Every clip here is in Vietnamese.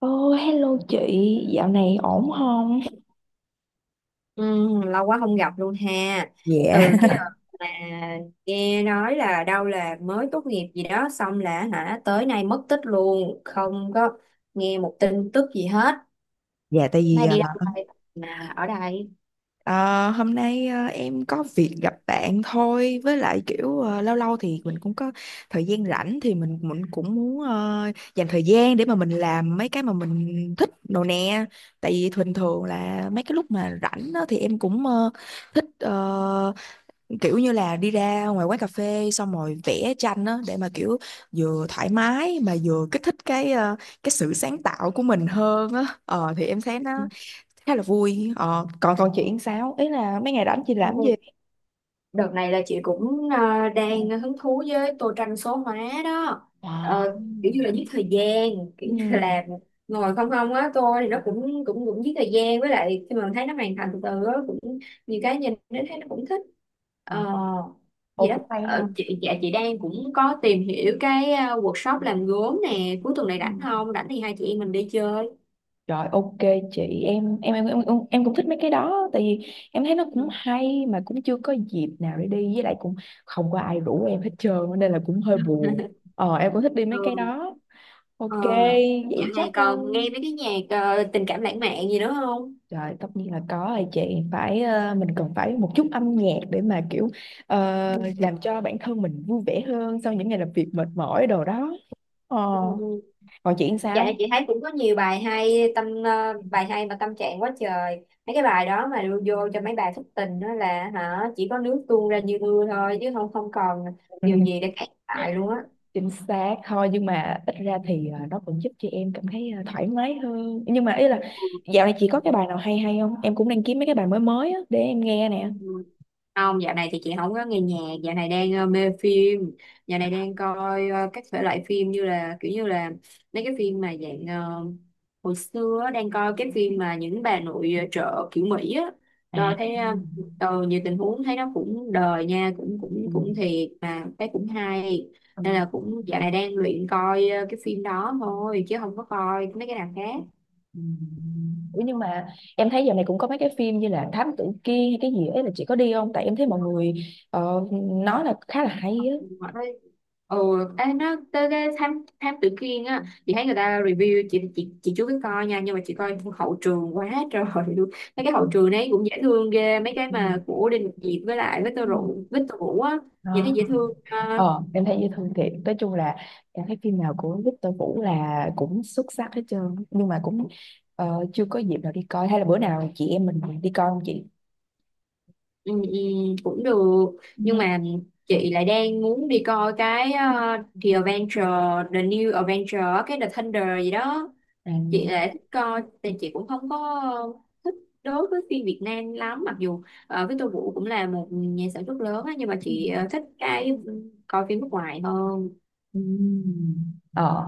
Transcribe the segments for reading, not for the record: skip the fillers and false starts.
Ô, hello chị, dạo này ổn không? Ừ, lâu quá không gặp luôn ha. Dạ, Từ cái đợt mà nghe nói là đâu là mới tốt nghiệp gì đó xong là hả tới nay mất tích luôn, không có nghe một tin tức gì hết. dạ tại vì Nay đi đâu đây mà ở đây. ờ, hôm nay em có việc gặp bạn thôi với lại kiểu lâu lâu thì mình cũng có thời gian rảnh thì mình cũng muốn dành thời gian để mà mình làm mấy cái mà mình thích đồ nè. Tại vì thường thường là mấy cái lúc mà rảnh đó, thì em cũng thích kiểu như là đi ra ngoài quán cà phê xong rồi vẽ tranh á để mà kiểu vừa thoải mái mà vừa kích thích cái cái sự sáng tạo của mình hơn á ờ thì em thấy nó khá là vui ờ còn còn chị làm sao ý là mấy ngày rảnh chị làm gì. Đợt này là chị cũng đang hứng thú với tô tranh số hóa đó. Wow. Kiểu như là giết thời gian, kiểu như Ừ. là ngồi không không á, tô thì nó cũng cũng cũng giết thời gian, với lại khi mà mình thấy nó hoàn thành từ từ á cũng nhiều, cái nhìn đến thấy nó cũng thích. Ờ, Ờ, Gì ô đó. cũng hay ha. Chị đang cũng có tìm hiểu cái workshop làm gốm nè, cuối tuần này rảnh Ừ. không, rảnh thì hai chị em mình đi chơi. Rồi, ok chị em em em cũng thích mấy cái đó tại vì em thấy nó Ừ. cũng hay mà cũng chưa có dịp nào để đi với lại cũng không có ai rủ em hết trơn nên là cũng hơi buồn. Ờ em cũng thích đi mấy cái Ừ. đó. ờ Ok, Dạo vậy chắc này còn nghe mấy cái nhạc tình cảm lãng mạn gì nữa không? trời tất nhiên là có rồi chị phải mình cần phải một chút âm nhạc để mà kiểu ờ, Ừ. làm cho bản thân mình vui vẻ hơn sau những ngày làm việc mệt mỏi đồ đó. Ờ, Ừ, ừ. còn chị Dạo này sao? chị thấy cũng có nhiều bài hay, bài hay mà tâm trạng quá trời, mấy cái bài đó mà đưa vô cho mấy bài thất tình đó là hả chỉ có nước tuôn ra như mưa thôi, chứ không không còn Ừ, điều gì để cãi lại luôn á. chính xác thôi nhưng mà ít ra thì nó cũng giúp cho em cảm thấy thoải mái hơn. Nhưng mà ý là dạo này chị có cái bài nào hay hay không? Em cũng đang kiếm mấy cái bài mới mới á để em nghe nè. Ừ. Không, dạo này thì chị không có nghe nhạc, dạo này đang mê phim, dạo này đang coi các thể loại phim như là kiểu như là mấy cái phim mà dạng hồi xưa á, đang coi cái phim mà những bà nội chợ kiểu Mỹ á, À. rồi thấy nhiều tình huống thấy nó cũng đời nha, cũng cũng Ừ. cũng thiệt mà thấy cũng hay, Ừ. nên là cũng dạo này đang luyện coi cái phim đó thôi chứ không có coi mấy cái nào khác. Ừ. Ủa nhưng mà em thấy giờ này cũng có mấy cái phim như là Thám Tử Kiên hay cái gì ấy là chị có đi không? Tại em thấy mọi người ờ, nói là khá là hay á. ừ Ê, nó tới cái thám thám tử Kiên á, chị thấy người ta review chị, chị chưa có coi nha, nhưng mà chị coi hậu trường quá trời luôn, mấy cái hậu trường đấy cũng dễ thương ghê, mấy cái Ừ. mà của Đinh Ngọc Diệp với lại với Ừ. Victor Vũ á, nhìn thấy Ờ, dễ thương à. Ờ, em thấy dễ thương thiệt. Nói chung là em thấy phim nào của Victor Vũ là cũng xuất sắc hết trơn. Nhưng mà cũng chưa có dịp nào đi coi. Hay là bữa nào chị em mình đi coi không chị? Ừ, ừ, cũng được, Ừ. nhưng mà chị lại đang muốn đi coi cái The New Adventure, cái The Thunder gì đó, À. chị lại thích coi. Thì chị cũng không có thích đối với phim Việt Nam lắm, mặc dù Victor Vũ cũng là một nhà sản xuất lớn á, nhưng mà Ừ. chị thích cái coi phim nước ngoài hơn. Ừ. Ờ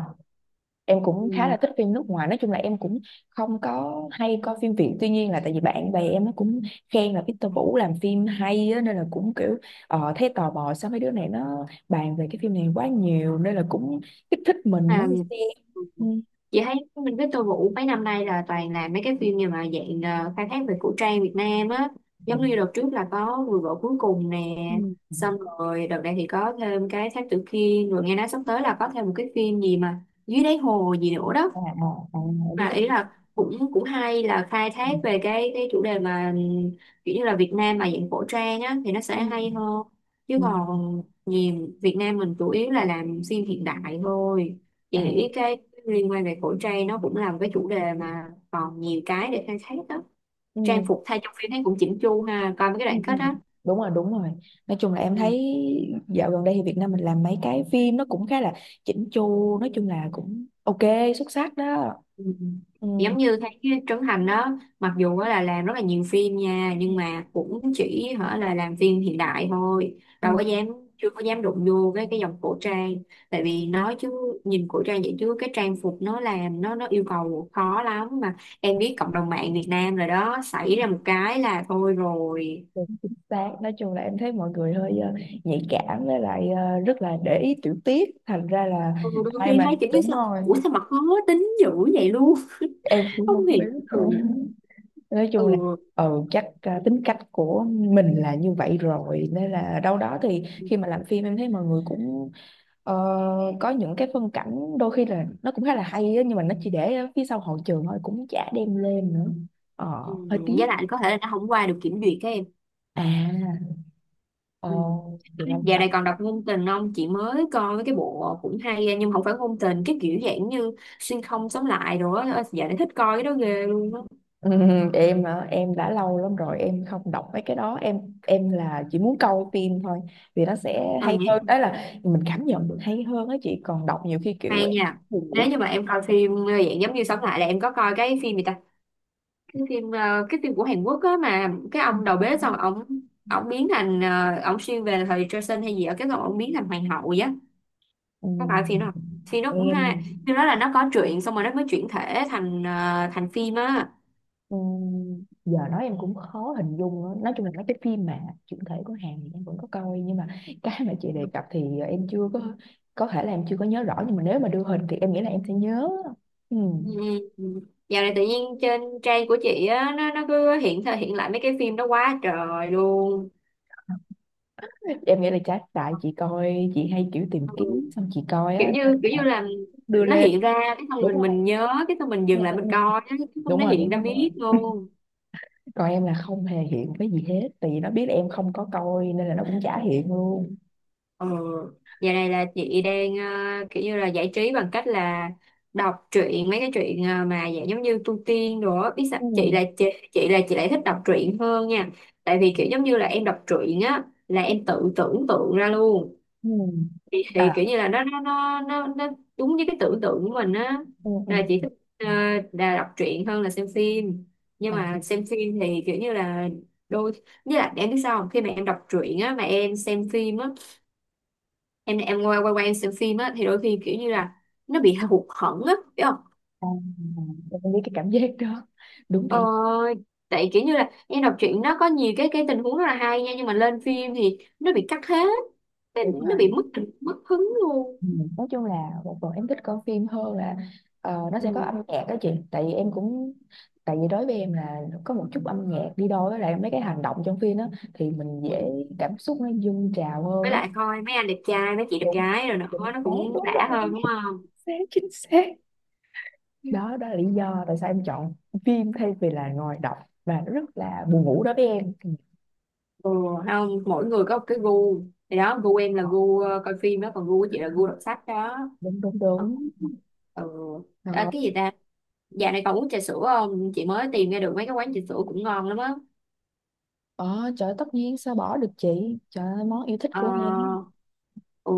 em cũng khá Ừ. là thích phim nước ngoài nói chung là em cũng không có hay coi phim Việt tuy nhiên là tại vì bạn bè em nó cũng khen là Victor Vũ làm phim hay á, nên là cũng kiểu thấy tò mò sao mấy đứa này nó bàn về cái phim này quá nhiều nên là cũng kích thích mình À, muốn đi xem. Ừ. chị thấy mình Victor Vũ mấy năm nay là toàn là mấy cái phim như mà dạng khai thác về cổ trang Việt Nam á, giống như đợt trước là có Người Vợ Cuối Cùng nè, Ừ. xong rồi đợt này thì có thêm cái Thám Tử Kiên, rồi nghe nói sắp tới là có thêm một cái phim gì mà dưới đáy hồ gì nữa đó, À. À. À, biết mà ý cái. là cũng cũng hay là khai Ừ. thác về cái chủ đề mà kiểu như là Việt Nam mà dạng cổ trang á thì nó sẽ hay Ừ. hơn, chứ Ừ. còn nhiều Việt Nam mình chủ yếu là làm phim hiện đại thôi. Chị nghĩ À. cái liên quan về cổ trang nó cũng là một cái chủ đề mà còn nhiều cái để khai thác đó, Ừ. trang phục thay trong phim thấy cũng chỉnh chu ha, coi mấy cái Ừ. đoạn Ừ. kết á. Đúng rồi, đúng rồi, nói chung là em Ừ. thấy dạo gần đây thì Việt Nam mình làm mấy cái phim nó cũng khá là chỉnh chu, nói chung là cũng ok, xuất sắc đó. Ừ. Ừ, Giống như thấy cái Trấn Thành đó, mặc dù á là làm rất là nhiều phim nha, ừ, nhưng mà cũng chỉ hở là làm phim hiện đại thôi, đâu ừ, có dám chưa có dám đụng vô cái dòng cổ trang, tại vì nói chứ nhìn cổ trang vậy chứ cái trang phục nó làm nó yêu cầu khó lắm mà, em biết cộng đồng mạng Việt Nam rồi đó, xảy ra một cái là thôi rồi. đúng, chính xác. Nói chung là em thấy mọi người hơi nhạy cảm với lại rất là để ý tiểu tiết thành ra là Ừ, đôi ai khi mà thấy kiểu như đúng sao rồi ủa sao mà khó tính dữ vậy luôn, em cũng không không biết hiểu. nữa. Ừ. Nói chung là Ừ. ừ chắc tính cách của mình là như vậy rồi nên là đâu đó thì khi mà làm phim em thấy mọi người cũng ờ, có những cái phân cảnh đôi khi là nó cũng khá là hay á, nhưng mà nó chỉ để ở phía sau hậu trường thôi cũng chả đem lên nữa Ừ, ờ, hơi với tiếc. lại có thể là nó không qua được kiểm duyệt cái em. À ờ, Ừ. thì là. Dạo này còn đọc ngôn tình không? Chị mới coi mấy cái bộ cũng hay á, nhưng mà không phải ngôn tình, cái kiểu dạng như xuyên không sống lại rồi á. Dạo này thích coi cái đó ghê luôn á. Ừ, em hả? Em đã lâu lắm rồi em không đọc mấy cái đó, em là chỉ muốn coi phim thôi vì nó sẽ Ờ hay hơn nhỉ, đó là mình cảm nhận được hay hơn á chị còn đọc nhiều khi kiểu hay em nha. buồn ngủ. Nếu như mà em coi phim dạng giống như sống lại, là em có coi cái phim gì ta? Cái phim của Hàn Quốc á, mà cái ông đầu bếp xong ông biến thành ông xuyên về thời Joseon hay gì ở cái, xong ông biến thành hoàng hậu vậy á. Ừ, Có phải phim đó không? Phim đó cũng hay. em. Phim đó là nó có truyện xong rồi nó mới chuyển thể thành phim á. Ừ, giờ nói em cũng khó hình dung nữa. Nói chung là mấy cái phim mà chuyển thể của Hàn thì em vẫn có coi nhưng mà cái mà chị đề cập thì em chưa có, có thể là em chưa có nhớ rõ nhưng mà nếu mà đưa hình thì em nghĩ là em sẽ nhớ. Ừ. Ừ. Ừ. Dạo này tự nhiên trên trang của chị á, nó cứ hiện thời hiện lại mấy cái phim đó quá trời luôn. Em nghĩ là chắc tại chị coi, chị hay kiểu tìm Ừ. kiếm xong chị coi á kiểu nên như kiểu như là là đưa nó lên, hiện ra cái, xong đúng mình không. mình nhớ cái, xong mình Ừ, dừng lại ừ, ừ. mình coi á, cái xong Đúng nó rồi hiện đúng ra rồi đúng rồi miết luôn. còn em là không hề hiện cái gì hết tại vì nó biết em không có coi nên là nó cũng chả hiện luôn. Ừ. Giờ này là chị đang kiểu như là giải trí bằng cách là đọc truyện, mấy cái truyện mà dạng giống như tu tiên đồ á. Biết sao Ừ, chị, là chị lại thích đọc truyện hơn nha, tại vì kiểu giống như là em đọc truyện á là em tự tưởng tượng ra luôn, ừ, thì à kiểu như là nó đúng với cái tưởng tượng của mình á, ừ, ừ. là chị thích ờ, Ừ. là đọc truyện hơn là xem phim, nhưng À, mà xem phim thì kiểu như là đôi với lại em biết sao không, khi mà em đọc truyện á mà em xem phim á, em quay quay qua em xem phim á thì đôi khi kiểu như là nó bị hụt hẫng á, biết không? à, à. Em biết cái cảm giác đó, đúng ờ, thiệt, Tại kiểu như là em đọc truyện nó có nhiều cái tình huống rất là hay nha, nhưng mà lên phim thì nó bị cắt hết, tại đúng nó bị rồi. mất mất hứng luôn. Ừ, nói chung là một phần em thích coi phim hơn là nó sẽ có Ừ. âm nhạc đó chị tại vì em cũng, tại vì đối với em là có một chút âm nhạc đi đôi với lại mấy cái hành động trong phim đó thì mình dễ Ừ. cảm xúc nó dâng trào Với hơn á. lại coi mấy anh đẹp trai, mấy chị đẹp Đúng gái rồi nữa, đúng nó đúng, cũng đúng đã rồi hơn, đúng không? Chính xác đó đó là lý do tại sao em chọn phim thay vì là ngồi đọc và nó rất là buồn ngủ đối với em. Ừ, Ừ. Không, mỗi người có một cái gu, thì đó, gu em là ờ, gu coi phim đó, còn gu của chị là gu đọc sách đó. đúng đúng Ừ. đúng. Ừ. Ờ, À, cái gì ta. Dạo này còn uống trà sữa không? Chị mới tìm ra được mấy cái quán trà sữa cũng ngon lắm á. ờ trời tất nhiên sao bỏ được chị, trời ơi, món yêu thích Ờ, của em. ừ,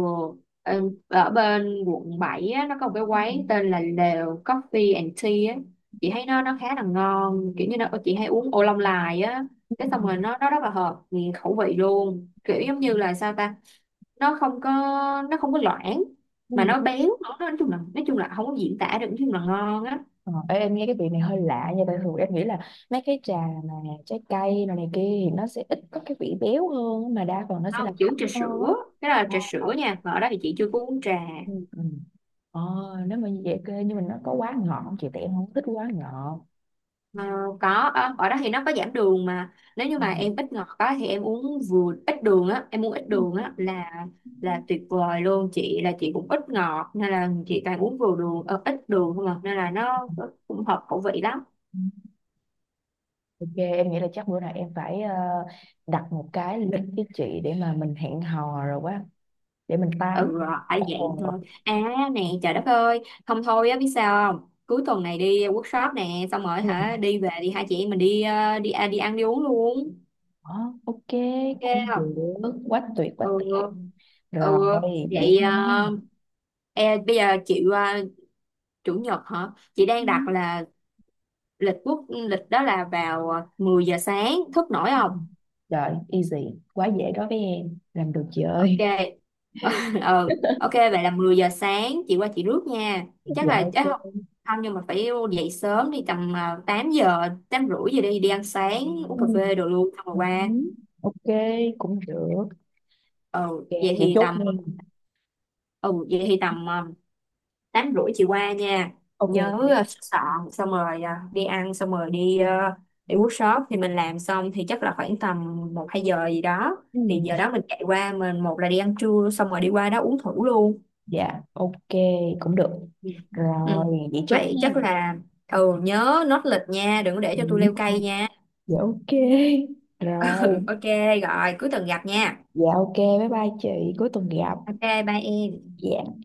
ở bên quận 7 á, nó có một cái quán tên là Lều Coffee and Tea á. Chị thấy nó khá là ngon, kiểu như nó, chị hay uống ô long lài á. Cái xong rồi nó rất là hợp nghiền khẩu vị luôn. Kiểu giống như là sao ta? Nó không có nó không có loãng mà Ừ. nó béo nữa. Nói chung là không có diễn tả được, nói chung là ngon á. Ờ, ê, em nghe cái vị này hơi lạ nha tại thường em nghĩ là mấy cái trà mà trái cây này, này kia thì nó sẽ ít có cái vị béo hơn á, mà đa phần nó sẽ là Không, chị thanh uống trà hơn á. sữa, cái đó là Ờ, trà ờ, sữa nha. Mà ở đó thì chị chưa có uống trà. ừ. Ừ. Ờ, nếu mà như vậy kê nhưng mà nó có quá ngọt không chị tại em không thích quá ngọt. Ờ, có, ở đó thì nó có giảm đường, mà nếu như Ừ. mà em ít ngọt quá thì em uống vừa ít đường á em uống ít đường á là tuyệt vời luôn. Chị là chị cũng ít ngọt, nên là chị toàn uống ít đường không à, nên là nó cũng hợp khẩu vị lắm. Ừ. Ok em nghĩ là chắc bữa nào em phải đặt một cái lịch với chị để mà mình hẹn hò rồi quá để mình tám. Ừ. Ở dạng Ồ. thôi. À, nè trời đất ơi, không thôi á, biết sao không, cuối tuần này đi workshop nè xong rồi Ừ. hả đi về đi, hai chị em mình đi ăn, đi uống luôn. Ờ, ok cũng được, Ok. Quá Ừ. tuyệt Ừ. rồi vậy Vậy nha. Bây giờ chị qua chủ nhật hả, chị đang đặt là lịch quốc lịch đó là vào 10 giờ sáng, thức nổi Ừ. không? Trời, easy, quá dễ đối với em, làm được chị Ok. ơi. Ừ, ok, vậy là 10 giờ sáng chị qua chị rước nha. chắc Dạ là chắc không ok. không, nhưng mà phải dậy sớm, đi tầm 8 giờ 8:30 giờ, đi đi ăn sáng, uống Ừ. cà phê đồ luôn, xong rồi Ừ. qua. Ok, cũng được. ừ Ok, vậy vậy thì chốt tầm nha. ừ vậy thì tầm 8:30 chị qua nha. Ok Nhớ ok. Sửa soạn, xong rồi đi ăn, xong rồi đi workshop, thì mình làm xong thì chắc là khoảng tầm một hai giờ gì đó, thì Ừ. giờ đó mình chạy qua, mình một là đi ăn trưa, xong rồi đi qua đó uống thử luôn. Dạ, ok, cũng được. Ừ. Ừ. Rồi, vậy chốt Vậy chắc nha. là, nhớ nốt lịch nha, đừng có để cho tôi leo Ừ. cây nha. Dạ ok. Rồi, Ừ, ok. Rồi cuối tuần gặp nha. dạ ok, bye bye chị, cuối tuần gặp. Ok, bye em. Dạ.